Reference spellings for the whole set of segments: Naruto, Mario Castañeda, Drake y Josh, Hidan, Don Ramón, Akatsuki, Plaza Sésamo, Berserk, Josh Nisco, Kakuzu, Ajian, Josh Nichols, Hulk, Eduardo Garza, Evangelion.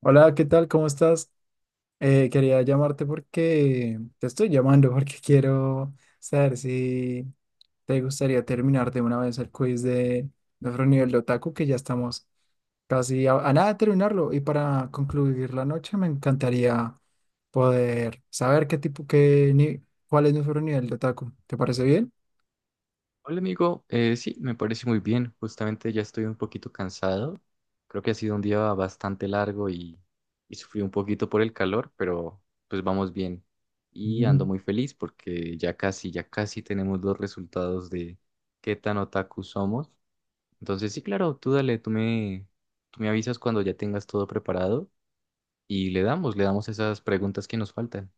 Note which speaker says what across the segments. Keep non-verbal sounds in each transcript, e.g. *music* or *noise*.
Speaker 1: Hola, ¿qué tal? ¿Cómo estás? Quería llamarte porque te estoy llamando *laughs* porque quiero saber si te gustaría terminar de una vez el quiz de nuestro nivel de otaku, que ya estamos casi a nada de terminarlo. Y para concluir la noche, me encantaría poder saber qué tipo, qué ni, cuál es nuestro nivel de otaku. ¿Te parece bien?
Speaker 2: Hola amigo, sí, me parece muy bien. Justamente ya estoy un poquito cansado. Creo que ha sido un día bastante largo y sufrí un poquito por el calor, pero pues vamos bien. Y ando
Speaker 1: Ujú.
Speaker 2: muy feliz porque ya casi tenemos los resultados de qué tan otaku somos. Entonces sí, claro, tú dale, tú me avisas cuando ya tengas todo preparado y le damos esas preguntas que nos faltan.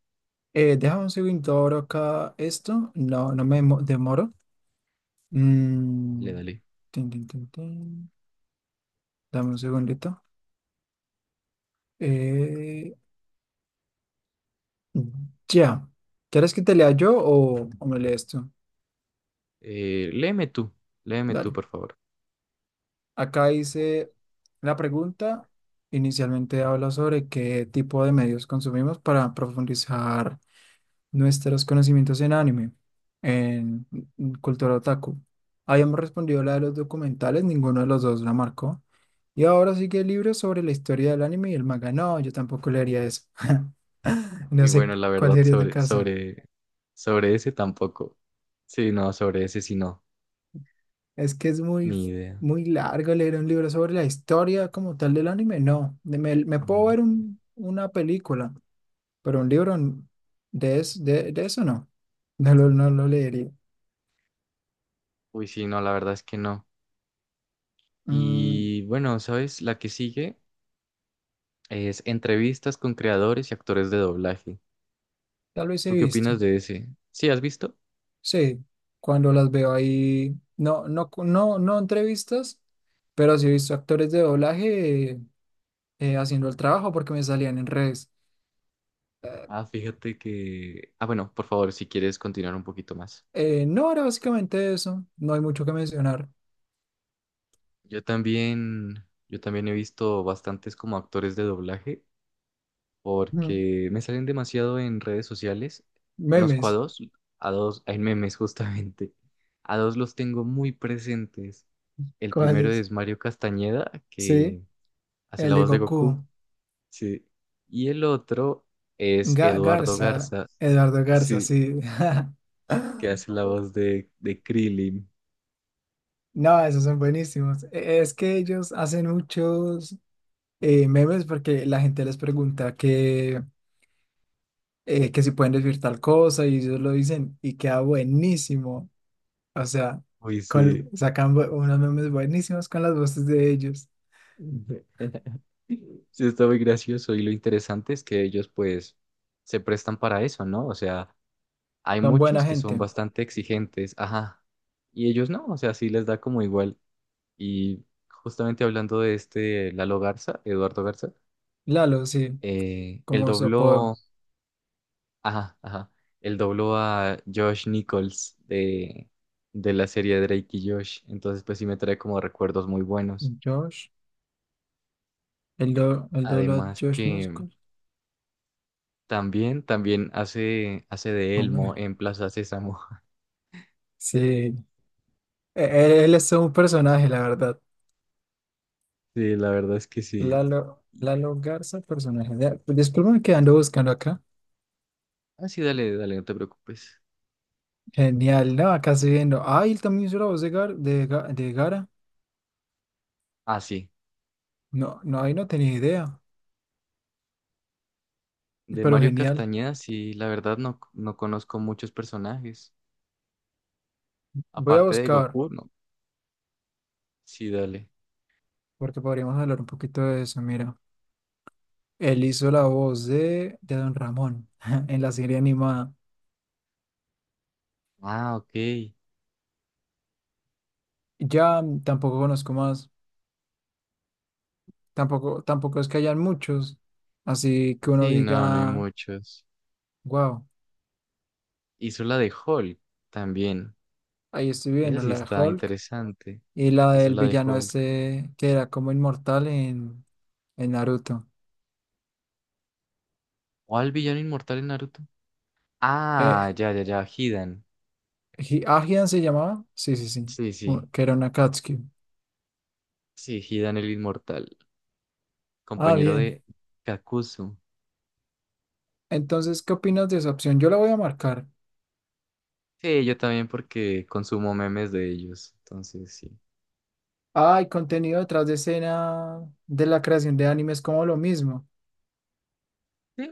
Speaker 1: Déjame un segundo, abro acá esto. No, no demoro.
Speaker 2: Le
Speaker 1: Mm,
Speaker 2: dale.
Speaker 1: tin, tin, tin, tin. Dame un segundito. Eh, ya. ¿Quieres que te lea yo o me lees tú?
Speaker 2: Eh, léeme tú, léeme tú,
Speaker 1: Dale.
Speaker 2: por favor.
Speaker 1: Acá dice la pregunta. Inicialmente habla sobre qué tipo de medios consumimos para profundizar nuestros conocimientos en anime, en en cultura otaku. Habíamos respondido la de los documentales, ninguno de los dos la marcó. Y ahora sigue el libro sobre la historia del anime y el manga. No, yo tampoco leería eso. *laughs*
Speaker 2: Muy
Speaker 1: No sé
Speaker 2: bueno, la
Speaker 1: cuál
Speaker 2: verdad,
Speaker 1: sería tu
Speaker 2: sobre,
Speaker 1: caso.
Speaker 2: sobre, sobre ese tampoco. Sí, no, sobre ese sí no,
Speaker 1: Es que es muy,
Speaker 2: ni idea.
Speaker 1: muy largo leer un libro sobre la historia como tal del anime. No, me puedo
Speaker 2: Mm.
Speaker 1: ver una película, pero un libro de eso no. *laughs* No lo leería.
Speaker 2: Uy, sí, no, la verdad es que no.
Speaker 1: Mm,
Speaker 2: Y bueno, ¿sabes? La que sigue es entrevistas con creadores y actores de doblaje.
Speaker 1: tal vez he
Speaker 2: ¿Tú qué
Speaker 1: visto.
Speaker 2: opinas de ese? ¿Sí has visto?
Speaker 1: Sí, cuando las veo ahí, no, no, no, no entrevistas, pero sí he visto actores de doblaje haciendo el trabajo porque me salían en redes.
Speaker 2: Ah, fíjate que... Ah, bueno, por favor, si quieres continuar un poquito más.
Speaker 1: No, era básicamente eso. No hay mucho que mencionar.
Speaker 2: Yo también he visto bastantes como actores de doblaje
Speaker 1: Mm.
Speaker 2: porque me salen demasiado en redes sociales. Conozco a
Speaker 1: Memes.
Speaker 2: dos, a dos, hay memes *laughs* justamente. A dos los tengo muy presentes. El primero
Speaker 1: ¿Cuáles?
Speaker 2: es Mario Castañeda,
Speaker 1: Sí.
Speaker 2: que hace
Speaker 1: El
Speaker 2: la
Speaker 1: de
Speaker 2: voz de Goku,
Speaker 1: Goku.
Speaker 2: sí. Y el otro es Eduardo
Speaker 1: Garza.
Speaker 2: Garza,
Speaker 1: Eduardo Garza,
Speaker 2: sí,
Speaker 1: sí.
Speaker 2: que
Speaker 1: *laughs*
Speaker 2: hace la voz de Krillin.
Speaker 1: No, esos son buenísimos. Es que ellos hacen muchos memes porque la gente les pregunta que si pueden decir tal cosa y ellos lo dicen y queda buenísimo. O sea,
Speaker 2: Uy, sí.
Speaker 1: sacan unos memes buenísimos con las voces de ellos.
Speaker 2: *laughs* Sí, está muy gracioso y lo interesante es que ellos pues se prestan para eso, ¿no? O sea, hay
Speaker 1: Son buena
Speaker 2: muchos que son
Speaker 1: gente.
Speaker 2: bastante exigentes, ajá. Y ellos no, o sea, sí les da como igual. Y justamente hablando de este Lalo Garza, Eduardo Garza,
Speaker 1: Lalo, sí,
Speaker 2: él
Speaker 1: como su apodo.
Speaker 2: dobló, ajá, ajá, él dobló a Josh Nichols de la serie Drake y Josh. Entonces, pues sí me trae como recuerdos muy buenos.
Speaker 1: Josh, el doble de
Speaker 2: Además
Speaker 1: Josh
Speaker 2: que
Speaker 1: Nisco.
Speaker 2: también hace de Elmo
Speaker 1: Hombre.
Speaker 2: en Plaza Sésamo. *laughs*
Speaker 1: Sí, Él es todo un personaje, la verdad.
Speaker 2: Sí, la verdad es que sí.
Speaker 1: Lalo, Lalo Garza, personaje. Ya, pues, discúlpame que ando buscando acá.
Speaker 2: Ah, sí, dale, dale, no te preocupes.
Speaker 1: Genial, no, acá estoy viendo. Ah, él también hizo la voz de Gara.
Speaker 2: Ah, sí.
Speaker 1: No, no, ahí no tenía idea,
Speaker 2: De
Speaker 1: pero
Speaker 2: Mario
Speaker 1: genial.
Speaker 2: Castañeda, sí, la verdad no, no conozco muchos personajes.
Speaker 1: Voy a
Speaker 2: Aparte de
Speaker 1: buscar,
Speaker 2: Goku, no. Sí, dale.
Speaker 1: porque podríamos hablar un poquito de eso. Mira, él hizo la voz de Don Ramón *laughs* en la serie animada.
Speaker 2: Ah, ok.
Speaker 1: Ya tampoco conozco más, tampoco es que hayan muchos, así que uno
Speaker 2: Sí, no, no hay
Speaker 1: diga,
Speaker 2: muchos.
Speaker 1: wow,
Speaker 2: Hizo la de Hulk también.
Speaker 1: ahí estoy
Speaker 2: Esa
Speaker 1: viendo
Speaker 2: sí
Speaker 1: la de
Speaker 2: está
Speaker 1: Hulk.
Speaker 2: interesante.
Speaker 1: Y la
Speaker 2: Hizo
Speaker 1: del
Speaker 2: la de
Speaker 1: villano
Speaker 2: Hulk.
Speaker 1: este que era como inmortal en Naruto.
Speaker 2: ¿Cuál villano inmortal en Naruto?
Speaker 1: Eh,
Speaker 2: Ah, ya, ya, ya, Hidan.
Speaker 1: ¿Ajian se llamaba? Sí, sí, sí.
Speaker 2: Sí, sí.
Speaker 1: Que era una Akatsuki.
Speaker 2: Sí, Hidan el inmortal.
Speaker 1: Ah,
Speaker 2: Compañero
Speaker 1: bien.
Speaker 2: de Kakuzu.
Speaker 1: Entonces, ¿qué opinas de esa opción? Yo la voy a marcar.
Speaker 2: Sí, yo también porque consumo memes de ellos. Entonces, sí.
Speaker 1: Ah, y contenido detrás de escena de la creación de animes, como lo mismo.
Speaker 2: Sí,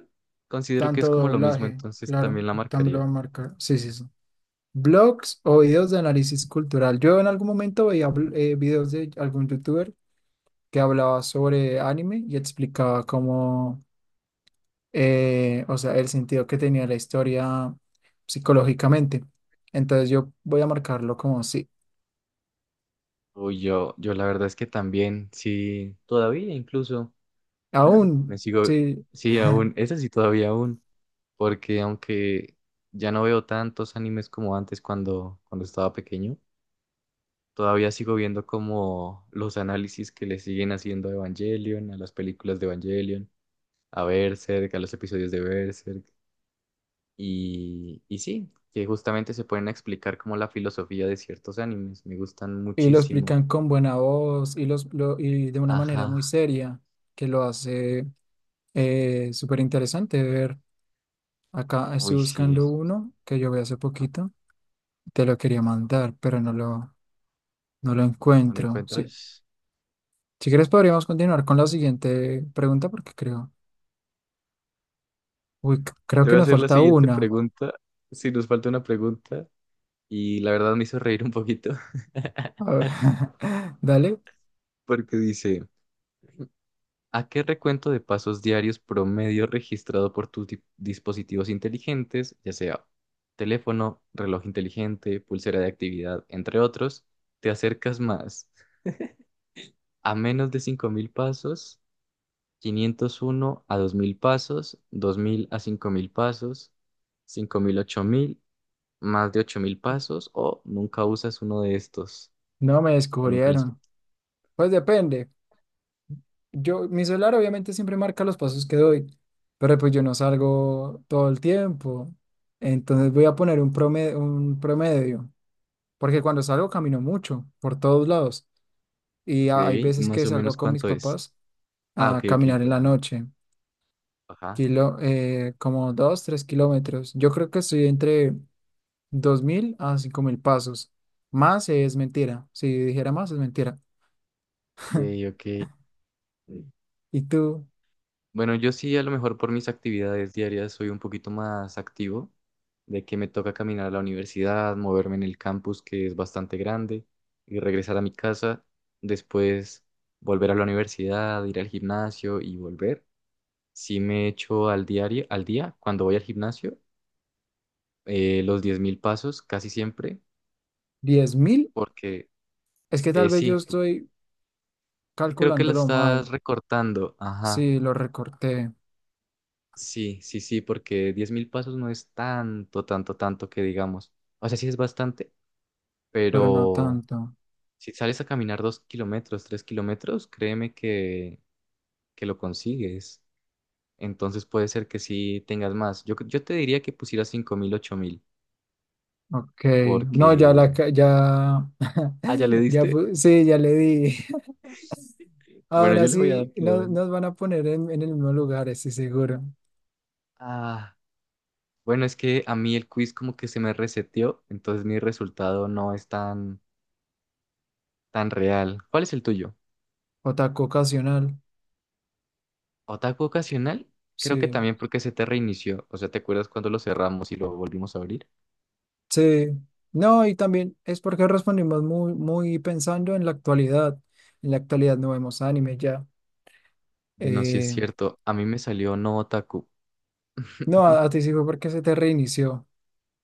Speaker 2: considero que es
Speaker 1: Tanto
Speaker 2: como lo mismo,
Speaker 1: doblaje,
Speaker 2: entonces
Speaker 1: claro,
Speaker 2: también la
Speaker 1: también lo
Speaker 2: marcaría.
Speaker 1: voy a marcar. Sí, sí, sí. Blogs o videos de análisis cultural. Yo en algún momento veía videos de algún youtuber que hablaba sobre anime y explicaba cómo o sea, el sentido que tenía la historia psicológicamente. Entonces yo voy a marcarlo como sí,
Speaker 2: O yo la verdad es que también, sí, todavía incluso me
Speaker 1: aún
Speaker 2: sigo,
Speaker 1: sí.
Speaker 2: sí, aún,
Speaker 1: *laughs*
Speaker 2: esa sí todavía aún, porque aunque ya no veo tantos animes como antes cuando, cuando estaba pequeño, todavía sigo viendo como los análisis que le siguen haciendo a Evangelion, a las películas de Evangelion, a Berserk, a los episodios de Berserk. Y sí, que justamente se pueden explicar como la filosofía de ciertos animes. Me gustan
Speaker 1: Y lo
Speaker 2: muchísimo.
Speaker 1: explican con buena voz y de una manera muy
Speaker 2: Ajá.
Speaker 1: seria que lo hace súper interesante de ver. Acá estoy
Speaker 2: Uy, sí.
Speaker 1: buscando uno que yo vi hace poquito. Te lo quería mandar, pero no lo
Speaker 2: ¿No lo
Speaker 1: encuentro. Sí.
Speaker 2: encuentras?
Speaker 1: Si quieres podríamos continuar con la siguiente pregunta porque creo
Speaker 2: Te
Speaker 1: que
Speaker 2: voy a
Speaker 1: nos
Speaker 2: hacer la
Speaker 1: falta
Speaker 2: siguiente
Speaker 1: una.
Speaker 2: pregunta. Si nos falta una pregunta. Y la verdad me hizo reír un poquito. *laughs*
Speaker 1: A ver, *laughs* dale,
Speaker 2: Porque dice, ¿a qué recuento de pasos diarios promedio registrado por tus dispositivos inteligentes, ya sea teléfono, reloj inteligente, pulsera de actividad, entre otros, te acercas más? A menos de 5.000 pasos, 501 a 2.000 pasos, 2.000 a 5.000 pasos, 5.000 a 8.000, más de 8.000 pasos, o nunca usas uno de estos,
Speaker 1: no me
Speaker 2: o nunca les...
Speaker 1: descubrieron. Pues depende. Mi celular obviamente siempre marca los pasos que doy, pero pues yo no salgo todo el tiempo. Entonces voy a poner un promedio, porque cuando salgo camino mucho por todos lados y hay
Speaker 2: Ok,
Speaker 1: veces
Speaker 2: más
Speaker 1: que
Speaker 2: o menos
Speaker 1: salgo con mis
Speaker 2: cuánto es.
Speaker 1: papás
Speaker 2: Ah,
Speaker 1: a
Speaker 2: ok, ok,
Speaker 1: caminar en la
Speaker 2: perdóname.
Speaker 1: noche,
Speaker 2: Ajá,
Speaker 1: como 2, 3 kilómetros. Yo creo que estoy entre 2.000 a 5.000 pasos. Más es mentira. Si dijera más es mentira.
Speaker 2: ok, ok.
Speaker 1: ¿Y tú?
Speaker 2: Bueno, yo sí, a lo mejor por mis actividades diarias soy un poquito más activo, de que me toca caminar a la universidad, moverme en el campus que es bastante grande y regresar a mi casa, después volver a la universidad, ir al gimnasio y volver. Sí me echo al diario, al día, cuando voy al gimnasio, los 10.000 pasos casi siempre,
Speaker 1: ¿10.000?
Speaker 2: porque
Speaker 1: Es que tal vez
Speaker 2: sí,
Speaker 1: yo estoy
Speaker 2: y creo que lo
Speaker 1: calculándolo
Speaker 2: estás
Speaker 1: mal.
Speaker 2: recortando, ajá.
Speaker 1: Sí, lo recorté,
Speaker 2: Sí, sí, sí, porque 10.000 pasos no es tanto, tanto, tanto que digamos. O sea, sí es bastante,
Speaker 1: pero no
Speaker 2: pero
Speaker 1: tanto.
Speaker 2: si sales a caminar 2 km, 3 km, créeme que lo consigues. Entonces puede ser que sí tengas más. Yo te diría que pusieras 5.000 8.000,
Speaker 1: Ok. No,
Speaker 2: porque... Ah, ¿ya
Speaker 1: *laughs*
Speaker 2: le diste?
Speaker 1: sí, ya le di. *laughs*
Speaker 2: Bueno,
Speaker 1: Ahora
Speaker 2: yo le voy a dar
Speaker 1: sí,
Speaker 2: que doy.
Speaker 1: nos van a poner en el mismo lugar, estoy seguro.
Speaker 2: Ah, bueno, es que a mí el quiz como que se me reseteó, entonces mi resultado no es tan real. ¿Cuál es el tuyo?
Speaker 1: Otaku ocasional.
Speaker 2: Otaku ocasional, creo que
Speaker 1: Sí.
Speaker 2: también porque se te reinició. O sea, ¿te acuerdas cuando lo cerramos y lo volvimos a abrir?
Speaker 1: Sí. No, y también es porque respondimos muy, muy pensando en la actualidad. En la actualidad no vemos anime ya.
Speaker 2: Bueno, sí es
Speaker 1: Eh,
Speaker 2: cierto, a mí me salió no otaku.
Speaker 1: no, a
Speaker 2: *laughs*
Speaker 1: ti sí fue porque se te reinició,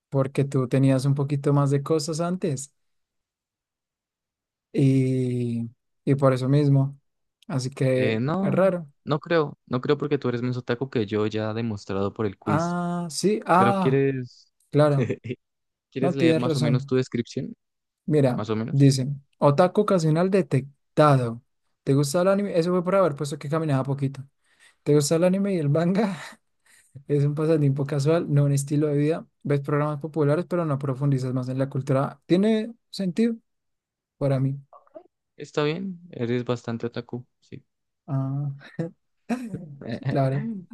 Speaker 1: porque tú tenías un poquito más de cosas antes y, y por eso mismo. Así que es
Speaker 2: No,
Speaker 1: raro.
Speaker 2: no creo, no creo porque tú eres menos otaku que yo ya demostrado por el quiz.
Speaker 1: Ah, sí,
Speaker 2: Pero
Speaker 1: ah,
Speaker 2: quieres,
Speaker 1: claro,
Speaker 2: *laughs* ¿quieres
Speaker 1: no
Speaker 2: leer
Speaker 1: tienes
Speaker 2: más o menos
Speaker 1: razón.
Speaker 2: tu descripción?
Speaker 1: Mira,
Speaker 2: Más o menos.
Speaker 1: dicen, otaku ocasional detectado. ¿Te gusta el anime? Eso fue por haber puesto que caminaba poquito. ¿Te gusta el anime y el manga? *laughs* Es un pasatiempo casual, no un estilo de vida. Ves programas populares, pero no profundizas más en la cultura. ¿Tiene sentido para mí?
Speaker 2: Está bien, eres bastante otaku, sí.
Speaker 1: Ah, *laughs* sí, claro.
Speaker 2: *laughs*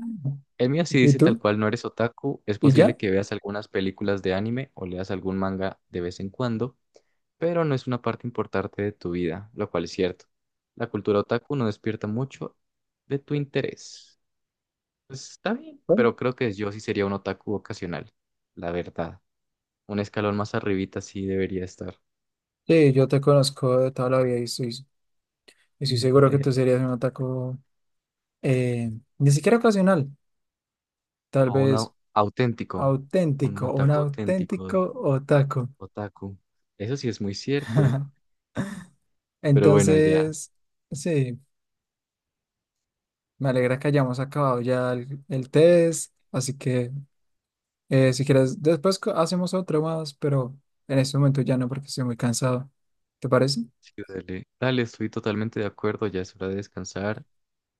Speaker 2: El mío sí
Speaker 1: ¿Y
Speaker 2: dice tal
Speaker 1: tú?
Speaker 2: cual, no eres otaku, es
Speaker 1: Y
Speaker 2: posible
Speaker 1: ya,
Speaker 2: que veas algunas películas de anime o leas algún manga de vez en cuando. Pero no es una parte importante de tu vida, lo cual es cierto. La cultura otaku no despierta mucho de tu interés. Pues está bien,
Speaker 1: bueno,
Speaker 2: pero creo que yo sí sería un otaku ocasional, la verdad. Un escalón más arribita sí debería estar.
Speaker 1: sí, yo te conozco de toda la vida y estoy
Speaker 2: Mm.
Speaker 1: seguro que tú serías un ataco eh, ni siquiera ocasional, tal
Speaker 2: O un
Speaker 1: vez
Speaker 2: auténtico, un
Speaker 1: auténtico, un
Speaker 2: otaku auténtico,
Speaker 1: auténtico otaku.
Speaker 2: otaku. Eso sí es muy cierto,
Speaker 1: *laughs*
Speaker 2: pero bueno, ya,
Speaker 1: Entonces, sí, me alegra que hayamos acabado ya el test, así que si quieres, después hacemos otro más, pero en este momento ya no porque estoy muy cansado. ¿Te parece?
Speaker 2: sí, dale, dale, estoy totalmente de acuerdo, ya es hora de descansar.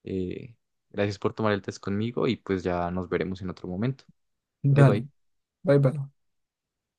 Speaker 2: Eh, gracias por tomar el test conmigo y pues ya nos veremos en otro momento. Bye
Speaker 1: Dale,
Speaker 2: bye.
Speaker 1: bye bye.